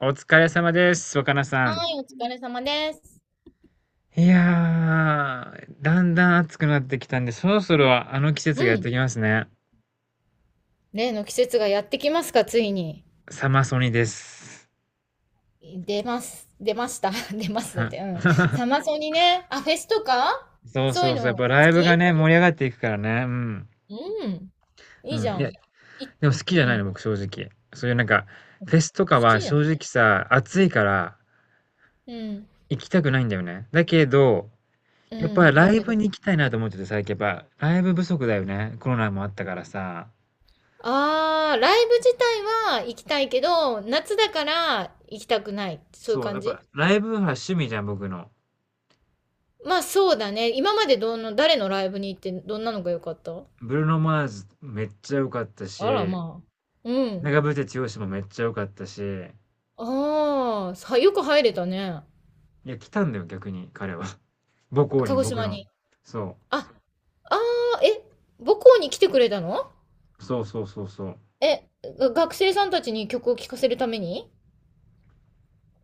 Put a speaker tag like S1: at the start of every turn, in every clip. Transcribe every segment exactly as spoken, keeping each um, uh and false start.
S1: お疲れ様です、若菜さ
S2: は
S1: ん。
S2: い、お疲れ様です。
S1: いやー、だんだん暑くなってきたんで、そろそろあの季
S2: う
S1: 節がやってき
S2: ん。
S1: ますね。
S2: 例の季節がやってきますか、ついに。
S1: サマソニです。
S2: 出ます。出ました。出ますだっ
S1: は
S2: て。うん。サ マソニね。あ、フェスとか
S1: そう
S2: そうい
S1: そ
S2: う
S1: うそう、やっ
S2: の好
S1: ぱライブが
S2: き。
S1: ね、盛り上がっていくからね。うん。
S2: うん。
S1: う
S2: いいじ
S1: ん。い
S2: ゃ
S1: や、
S2: ん。い、
S1: でも好きじゃ
S2: う
S1: ないの、
S2: ん。
S1: 僕、正直。そういうなんか、フェスとか
S2: 好き
S1: は
S2: じゃん。
S1: 正直さ、暑いから
S2: うん。
S1: 行きたくないんだよね。だけど、
S2: う
S1: やっぱ
S2: ん。だ
S1: ライ
S2: けど。
S1: ブに行きたいなと思ってて、最近やっぱライブ不足だよね。コロナもあったからさ。
S2: あー、ライブ自体は行きたいけど、夏だから行きたくない。そういう
S1: そう、や
S2: 感
S1: っ
S2: じ。
S1: ぱライブは趣味じゃん、僕の。
S2: まあそうだね。今までどの、誰のライブに行ってどんなのが良かった？
S1: ブルーノ・マーズめっちゃ良かった
S2: あら
S1: し、
S2: まあ。うん。
S1: 長渕剛もめっちゃ良かったし、
S2: ああ、さ、よく入れたね。
S1: いや、来たんだよ、逆に彼は。母校
S2: 鹿
S1: に
S2: 児
S1: 僕
S2: 島
S1: の。
S2: に。
S1: そ
S2: あ、ああ、え、母校に来てくれたの？
S1: う。そうそうそうそう。
S2: え、が学生さんたちに曲を聴かせるために？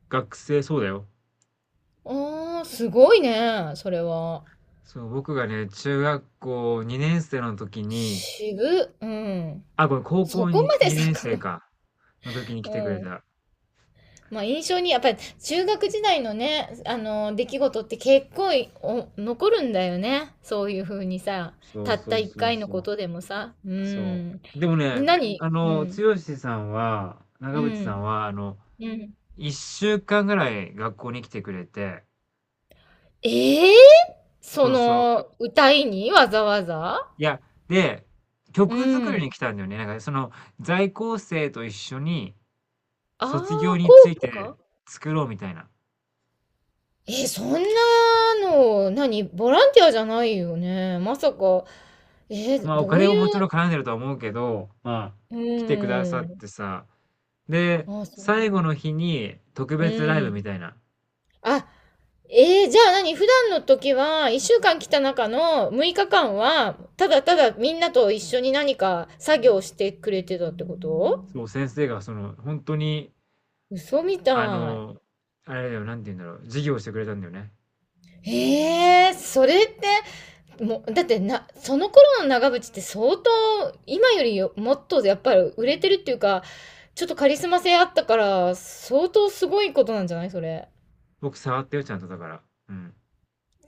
S1: 学生、そうだよ。
S2: ああー、すごいね、それは。
S1: そう、僕がね、中学校にねんせい生の時に、
S2: 渋、うん。
S1: あ、ごめん、高
S2: そ
S1: 校
S2: こ
S1: に
S2: まで
S1: にねん
S2: 遡
S1: 生
S2: る、
S1: か、の時に来
S2: う
S1: てくれ
S2: ん。
S1: た。
S2: まあ印象に、やっぱり中学時代のね、あの、出来事って結構いお残るんだよね。そういうふうにさ、
S1: そう
S2: たっ
S1: そ
S2: た
S1: う
S2: 一
S1: そう
S2: 回の
S1: そう。
S2: ことでもさ。う
S1: そ
S2: ん。
S1: う。でもね、
S2: 何？
S1: あ
S2: う
S1: の、
S2: ん。
S1: 剛さんは、
S2: う
S1: 長渕さん
S2: ん。
S1: は、あの、
S2: うん。
S1: いっしゅうかんぐらい学校に来てくれて、
S2: ええ、そ
S1: そうそう。
S2: の、歌いにわざわざ。
S1: いや、で、
S2: う
S1: 曲作り
S2: ん。
S1: に来たんだよね。なんかその、在校生と一緒に
S2: あ
S1: 卒業
S2: あ、効
S1: について
S2: 果。
S1: 作ろうみたいな。
S2: え、そんなの、何ボランティアじゃないよね。まさか、え、
S1: まあお
S2: どう
S1: 金
S2: い
S1: ももちろ
S2: う、
S1: ん絡んでるとは思うけど、まあ
S2: う
S1: 来てくださっ
S2: ん。
S1: てさ。で、
S2: あ、そう。
S1: 最後の日に特
S2: う
S1: 別ライブ
S2: ん。
S1: みたいな。
S2: あ、えー、じゃあ何普段の時は、いっしゅうかん来た中のむいかかんは、ただただみんなと一緒に何か作業してくれてたってこと？
S1: そう、先生がその、本当に、
S2: 嘘み
S1: あ
S2: たい。
S1: の、あれだよ、なんて言うんだろう、授業してくれたんだよね。
S2: えー、それってもうだってなその頃の長渕って相当今よりもっとやっぱり売れてるっていうか、ちょっとカリスマ性あったから相当すごいことなんじゃないそれ？
S1: 僕触ったよ、ちゃんとだから。うん。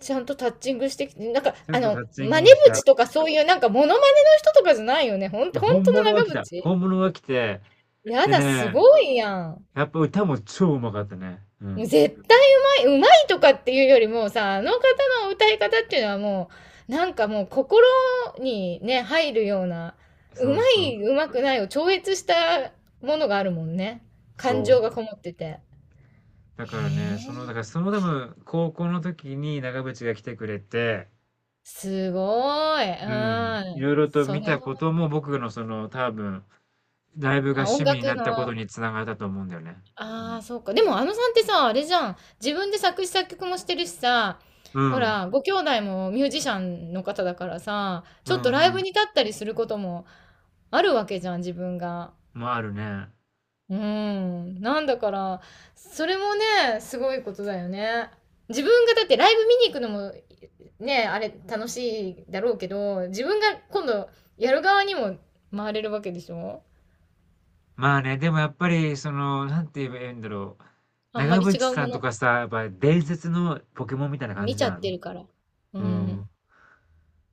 S2: ちゃんとタッチングしてきてなんか
S1: ちゃ
S2: あ
S1: んとタ
S2: の
S1: ッチング
S2: 真似
S1: もした。い
S2: 口とかそういうなんかモノマネの人とかじゃないよね、ほんと
S1: や、
S2: ほん
S1: 本
S2: との
S1: 物が来
S2: 長
S1: た。
S2: 渕。
S1: 本物が来て、
S2: や
S1: で
S2: だす
S1: ね、
S2: ごいやん。
S1: やっぱ歌も超うまかったね。う
S2: もう
S1: ん。
S2: 絶対うまい、うまいとかっていうよりもさ、あの方の歌い方っていうのはもう、なんかもう心にね、入るような、うま
S1: そうそう。
S2: い、うまくないを超越したものがあるもんね。感
S1: そう。
S2: 情がこもってて。
S1: だ
S2: へ
S1: からね、その、だ
S2: え、
S1: からその多分、高校の時に長渕が来てくれて、
S2: すごい。
S1: うん。い
S2: うん。
S1: ろいろと
S2: そ
S1: 見
S2: れ
S1: たこ
S2: を、
S1: とも僕のその多分、ライブが
S2: あ、音
S1: 趣味に
S2: 楽
S1: なったこと
S2: の、
S1: につながったと思うんだよね。う
S2: あ
S1: ん。
S2: あ、そうか。でもあのさんってさ、あれじゃん。自分で作詞作曲もしてるしさ、
S1: う
S2: ほ
S1: ん。
S2: ら、ご兄弟もミュージシャンの方だからさ、
S1: う
S2: ちょっと
S1: んう
S2: ライブ
S1: ん。
S2: に立ったりすることも、あるわけじゃん自分が。
S1: もあるね。
S2: うんなんだから、それもねすごいことだよね。自分がだってライブ見に行くのもね、あれ楽しいだろうけど自分が今度やる側にも回れるわけでしょ。
S1: まあね、でもやっぱり、その、なんて言えばいいんだろう。
S2: あんま
S1: 長
S2: り
S1: 渕
S2: 違う
S1: さ
S2: も
S1: んと
S2: の
S1: かさ、やっぱ伝説のポケモンみたいな感じ
S2: 見ち
S1: じ
S2: ゃ
S1: ゃ
S2: って
S1: ん。
S2: るから。う
S1: う
S2: ん。
S1: ん。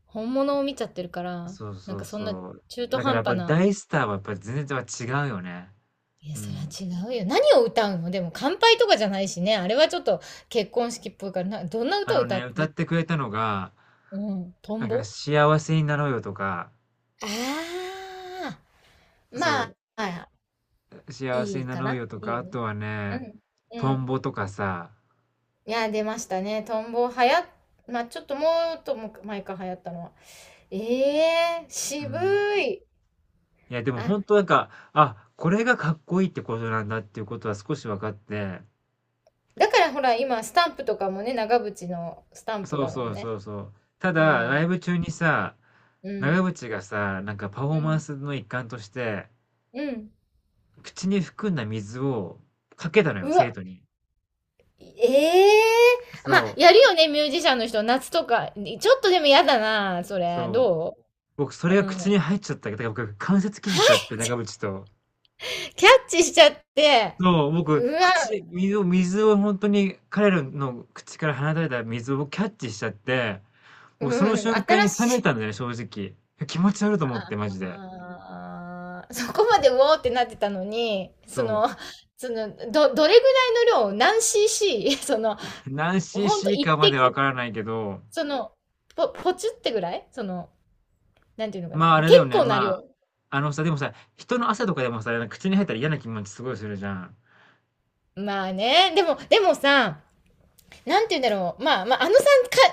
S2: 本物を見ちゃってるから、
S1: そう
S2: なん
S1: そう
S2: かそんな
S1: そう。
S2: 中途
S1: だから
S2: 半
S1: やっぱ
S2: 端な。
S1: 大スターはやっぱ全然違うよね。
S2: いや
S1: う
S2: それは
S1: ん。
S2: 違うよ。何を歌うのでも乾杯とかじゃないしね、あれはちょっと結婚式っぽいからな。どんな
S1: あ
S2: 歌
S1: の
S2: 歌
S1: ね、
S2: っ
S1: 歌っ
S2: て？
S1: てくれたのが、
S2: うんト
S1: な
S2: ン
S1: んか
S2: ボ。
S1: 幸せになろうよとか、
S2: ああ、
S1: そ
S2: まあ、
S1: う、幸せ
S2: い
S1: に
S2: い
S1: な
S2: か
S1: ろう
S2: な。
S1: よと
S2: いい
S1: か、
S2: よ
S1: あ
S2: ね。
S1: とは
S2: う
S1: ね、
S2: ん。う
S1: トン
S2: ん。
S1: ボとかさ、
S2: いや、出ましたね。トンボ流行っ、まあ、ちょっともっとも前か流行ったのは。ええー、
S1: う
S2: 渋
S1: ん。
S2: い。
S1: いや、でも
S2: あ、
S1: 本当なんか、あ、これがかっこいいってことなんだっていうことは少し分かって、
S2: だからほら、今、スタンプとかもね、長渕のスタンプ
S1: そう
S2: だもん
S1: そう
S2: ね。
S1: そうそう。ただ、
S2: あ
S1: ライ
S2: あ、
S1: ブ中にさ、
S2: うん。
S1: 長渕がさ、なんかパフォ
S2: う
S1: ーマ
S2: ん。
S1: ンスの一環として、
S2: うん。
S1: 口に含んだ水をかけたのよ、
S2: う
S1: 生
S2: わ、
S1: 徒に。
S2: ええー、
S1: そ
S2: まあ、
S1: う、
S2: やるよね、ミュージシャンの人。夏とか。ちょっとでも嫌だな、それ。
S1: そう。
S2: ど
S1: 僕そ
S2: う、
S1: れ
S2: う
S1: が口に
S2: ん。
S1: 入っちゃったけどだから僕関節キスしちゃって、長渕と。
S2: キャッチしちゃって、
S1: そう、僕、
S2: うわ、
S1: 口、水を、水を本当に彼らの口から放たれた水を僕キャッチしちゃって、
S2: う
S1: 僕その
S2: ん、
S1: 瞬間
S2: 新
S1: に冷
S2: し
S1: め
S2: い。
S1: たんだよね、正直。気持ち悪いと思って、マジで。
S2: ああ、そこまでうおーってなってたのに、
S1: そ
S2: そ
S1: う。
S2: の、その、ど、どれぐらいの量、何 cc？ その、
S1: 何
S2: ほんと
S1: シーシー
S2: 一
S1: かまでわ
S2: 滴
S1: からないけど、
S2: その、ぽ、ポチってぐらいその、なんていうのか
S1: ま
S2: な。
S1: ああ
S2: もう
S1: れだ
S2: 結
S1: よね、
S2: 構な
S1: ま
S2: 量。
S1: あ、あのさ、でもさ、人の汗とかでもさ、口に入ったら嫌な気持ちすごいするじゃん。
S2: まあね。でも、でもさ、なんて言うんだろう。まあ、まあ、あのさん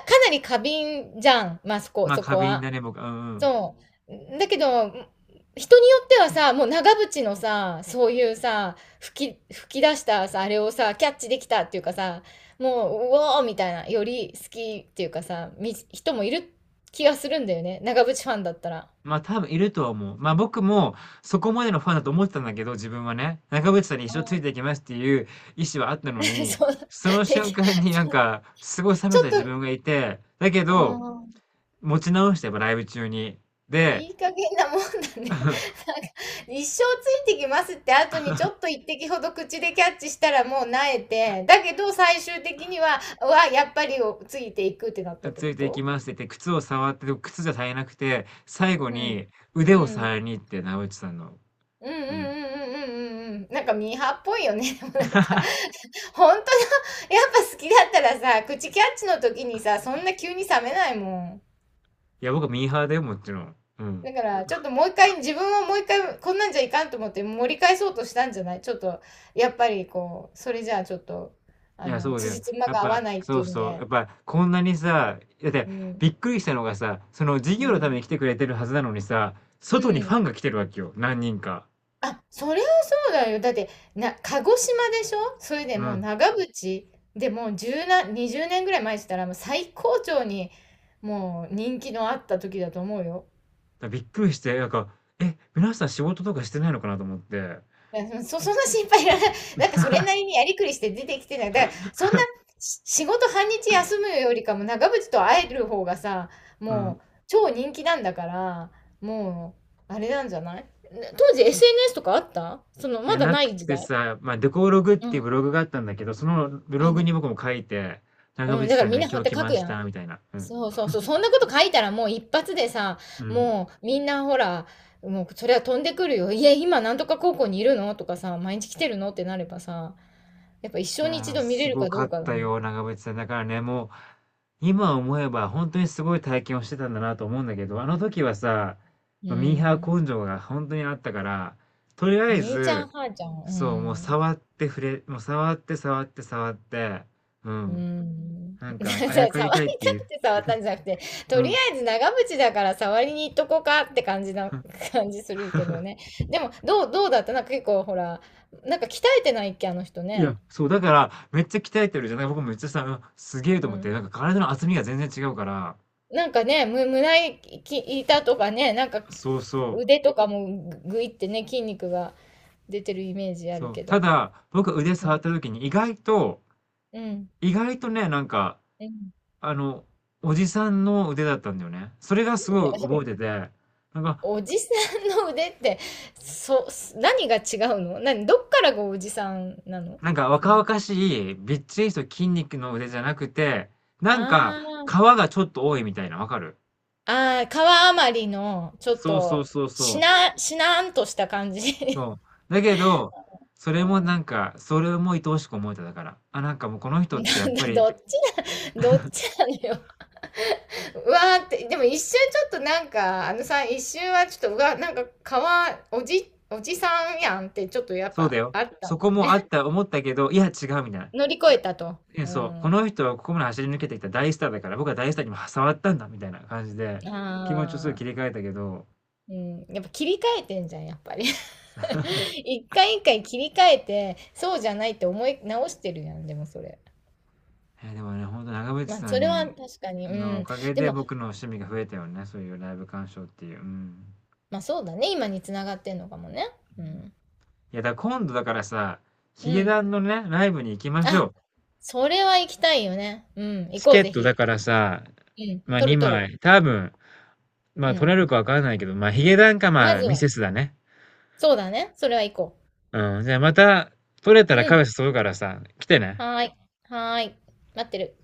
S2: か、かなり過敏じゃん。まあ、そこ、
S1: まあ
S2: そ
S1: 過
S2: こ
S1: 敏だ
S2: は。
S1: ね、僕。うんうん。
S2: そう。だけど、人によってはさ、もう長渕のさ、そういうさ、吹き、吹き出したさ、あれをさ、キャッチできたっていうかさ、もう、うおーみたいな、より好きっていうかさ、み、人もいる気がするんだよね。長渕ファンだったら。
S1: まあ多分いるとは思う。まあ僕もそこまでのファンだと思ってたんだけど、自分はね、中渕さんに 一
S2: あ
S1: 生つい
S2: あ、
S1: ていきますっていう意思はあったの に、
S2: そう、
S1: その
S2: てき、
S1: 瞬間になん
S2: そう
S1: か、すごい冷
S2: ち
S1: め
S2: ょ
S1: た自
S2: っと、
S1: 分がいて、だけ
S2: あ
S1: ど、
S2: あ。
S1: 持ち直してやっぱライブ中に。で、
S2: いい加減なもんだね。なんか、一生ついてきますって後にちょっと一滴ほど口でキャッチしたらもう萎えて、だけど最終的には、うわ、やっぱりをついていくってなったって
S1: つ
S2: こ
S1: いていき
S2: と？
S1: ますって言って、靴を触って、でも靴じゃ足りなくて、最後
S2: うん。
S1: に腕
S2: う
S1: を
S2: ん。
S1: 触りに行って、中渕さんの。
S2: うんうんう
S1: うん。
S2: んうんうんうんうん。なんかミーハーっぽいよね。でもなんか、本当の、やっぱ好きだったらさ、口キャッチの時にさ、そんな急に冷めないもん。
S1: いや、僕はミーハーだよ、もちろん。うん。
S2: だから、ちょっともう一回、自分はもう一回、こんなんじゃいかんと思って盛り返そうとしたんじゃないちょっと、やっぱりこう、それじゃあちょっと、
S1: い
S2: あ
S1: や、
S2: の、
S1: そうだよ。
S2: 辻褄
S1: やっ
S2: が合
S1: ぱ、
S2: わないっ
S1: そ
S2: て
S1: う
S2: いうん
S1: そう。
S2: で。
S1: やっぱ、こんなにさ、だって、
S2: うん、
S1: びっくりしたのがさ、その授
S2: う
S1: 業のため
S2: ん、
S1: に来てくれてるはずなのにさ、
S2: う
S1: 外にファ
S2: ん。
S1: ンが来てるわけよ。何人か。
S2: あ、それはそうだよ。だって、な、鹿児島でしょ、それで
S1: うん。
S2: も
S1: だ
S2: う
S1: か
S2: 長渕でもう10な、にじゅうねんぐらい前って言ったら、もう最高潮に、もう人気のあった時だと思うよ。
S1: らびっくりして、なんか、え、皆さん仕事とかしてないのかなと思って。
S2: いや、そ そその心配いらない。なんかそれなりにやりくりして出てきてない。だから、そんな、し仕事半日休むよりかも長渕と会える方がさ、
S1: う
S2: も
S1: ん。
S2: う超人気なんだから、もう、あれなんじゃないね、当時 エスエヌエス とかあったその、
S1: い
S2: ま
S1: や、
S2: だ
S1: な
S2: な
S1: く
S2: い時
S1: て
S2: 代。
S1: さ、まあ、デコログっ
S2: う
S1: ていうブ
S2: ん。
S1: ログがあったんだけど、そのブ
S2: あ、
S1: ログ
S2: だ
S1: に僕も書いて、長
S2: う
S1: 渕
S2: ん、だか
S1: さ
S2: ら
S1: ん
S2: み
S1: が
S2: んなこうや
S1: 今
S2: っ
S1: 日
S2: て
S1: 来
S2: 書
S1: ま
S2: く
S1: し
S2: やん。
S1: た、みたいな。うん。
S2: そうそうそう。そんなこと書いたらもう一発でさ、
S1: うん。
S2: もうみんなほら、もうそれは飛んでくるよ。いや、今なんとか高校にいるのとかさ、毎日来てるのってなればさ、やっぱ一
S1: い
S2: 生に
S1: や
S2: 一
S1: ー、
S2: 度見れ
S1: す
S2: る
S1: ご
S2: か
S1: か
S2: どう
S1: っ
S2: かだ
S1: た
S2: ね。
S1: よ、長渕さん。だからね、もう、今思えば本当にすごい体験をしてたんだなと思うんだけど、あの時はさ、
S2: う
S1: まあミーハ
S2: ん。
S1: ー根性が本当にあったから、とりあえ
S2: 姉ちゃん、
S1: ず、
S2: 母ちゃん。う
S1: そう、もう
S2: ん。
S1: 触って触れ、もう触って触って触って、う
S2: う
S1: ん。
S2: ん。
S1: なん
S2: 触り
S1: か、あや
S2: た
S1: かりた
S2: く
S1: いっていう。
S2: て触ったんじゃなくて、
S1: う
S2: とりあ
S1: ん。
S2: えず長渕だから触りに行っとこうかって感じな、感じするけどね。でも、どう、どうだった？なんか結構ほら、なんか鍛えてないっけ、あの人
S1: い
S2: ね。
S1: や、そう、だから、めっちゃ鍛えてるじゃない僕めっちゃさ、うんすげえ
S2: う
S1: と思って、
S2: ん。
S1: なんか体の厚みが全然違うから、
S2: なんかね、む、胸板とかね、なんか
S1: そうそう。
S2: 腕とかもぐぐいってね、筋肉が出てるイメージある
S1: そう。
S2: け
S1: た
S2: ど。
S1: だ、僕腕
S2: う
S1: 触っ
S2: ん。
S1: た時に意外と、
S2: うん。
S1: 意外とね、なんか、
S2: うん。
S1: あの、おじさんの腕だったんだよね。それがす
S2: い
S1: ご
S2: や、
S1: い覚えてて、なんか、
S2: おじさんの腕って、そ、何が違うの？何どっからがおじさんなの？
S1: なんか
S2: そ
S1: 若
S2: の、
S1: 々しい、びっちりした筋肉の腕じゃなくて、なんか、
S2: あ
S1: 皮
S2: ー
S1: がちょっと多いみたいな、わかる
S2: あー、川あまりのちょっ
S1: そうそう
S2: と
S1: そうそ
S2: し
S1: う。
S2: なしなーんとした感じ、
S1: そう。だけど、そ
S2: う
S1: れもな
S2: ん、
S1: んか、それも愛おしく思えただから。あ、なんかもうこの人ってや
S2: な
S1: っ
S2: んだ
S1: ぱり、
S2: どっちなどっちなのよ。うわーって、でも一瞬ちょっとなんかあのさん一瞬はちょっとうわなんか川おじおじさんやんってちょっとやっ
S1: そうだ
S2: ぱ
S1: よ。
S2: あった
S1: そ
S2: も
S1: こ
S2: ん
S1: も
S2: ね。
S1: あった、思ったけど、いや違うみたいな。
S2: 乗り越えたと、
S1: え、
S2: う
S1: そう、この
S2: ん、
S1: 人はここまで走り抜けてきた大スターだから、僕は大スターにも触ったんだみたいな感じで、気持ちをすぐ
S2: あ
S1: 切
S2: あ
S1: り替えたけど、
S2: うん、やっぱ切り替えてんじゃん、やっぱり。一回一回切り替えて、そうじゃないって思い直してるやん、でもそれ。
S1: えーでもね、本当長渕
S2: まあ、
S1: さ
S2: そ
S1: ん
S2: れは
S1: に、
S2: 確かに、う
S1: のお
S2: ん。
S1: かげ
S2: で
S1: で
S2: も、
S1: 僕の趣味が増えたよね、そういうライブ鑑賞っていう。うん。う
S2: まあそうだね、今につながってんのかもね。う
S1: んい
S2: ん。
S1: や、だから今度だからさ、ヒゲ
S2: うん。
S1: ダンのね、ライブに行きましょ
S2: あ、
S1: う。
S2: それは行きたいよね。うん、行
S1: チ
S2: こう、
S1: ケッ
S2: ぜ
S1: トだ
S2: ひ。
S1: からさ、
S2: うん、
S1: まあ
S2: 取る取
S1: 2
S2: る。
S1: 枚、多分、まあ
S2: う
S1: 取
S2: ん。
S1: れるかわかんないけど、まあヒゲダンか
S2: ま
S1: まあ
S2: ず
S1: ミ
S2: は、
S1: セスだね。
S2: そうだね、それは行こ
S1: うん、じゃあまた取れた
S2: う。
S1: ら
S2: う
S1: カフ
S2: ん、
S1: ェ誘うからさ、来てね。
S2: はーい、はーい、待ってる。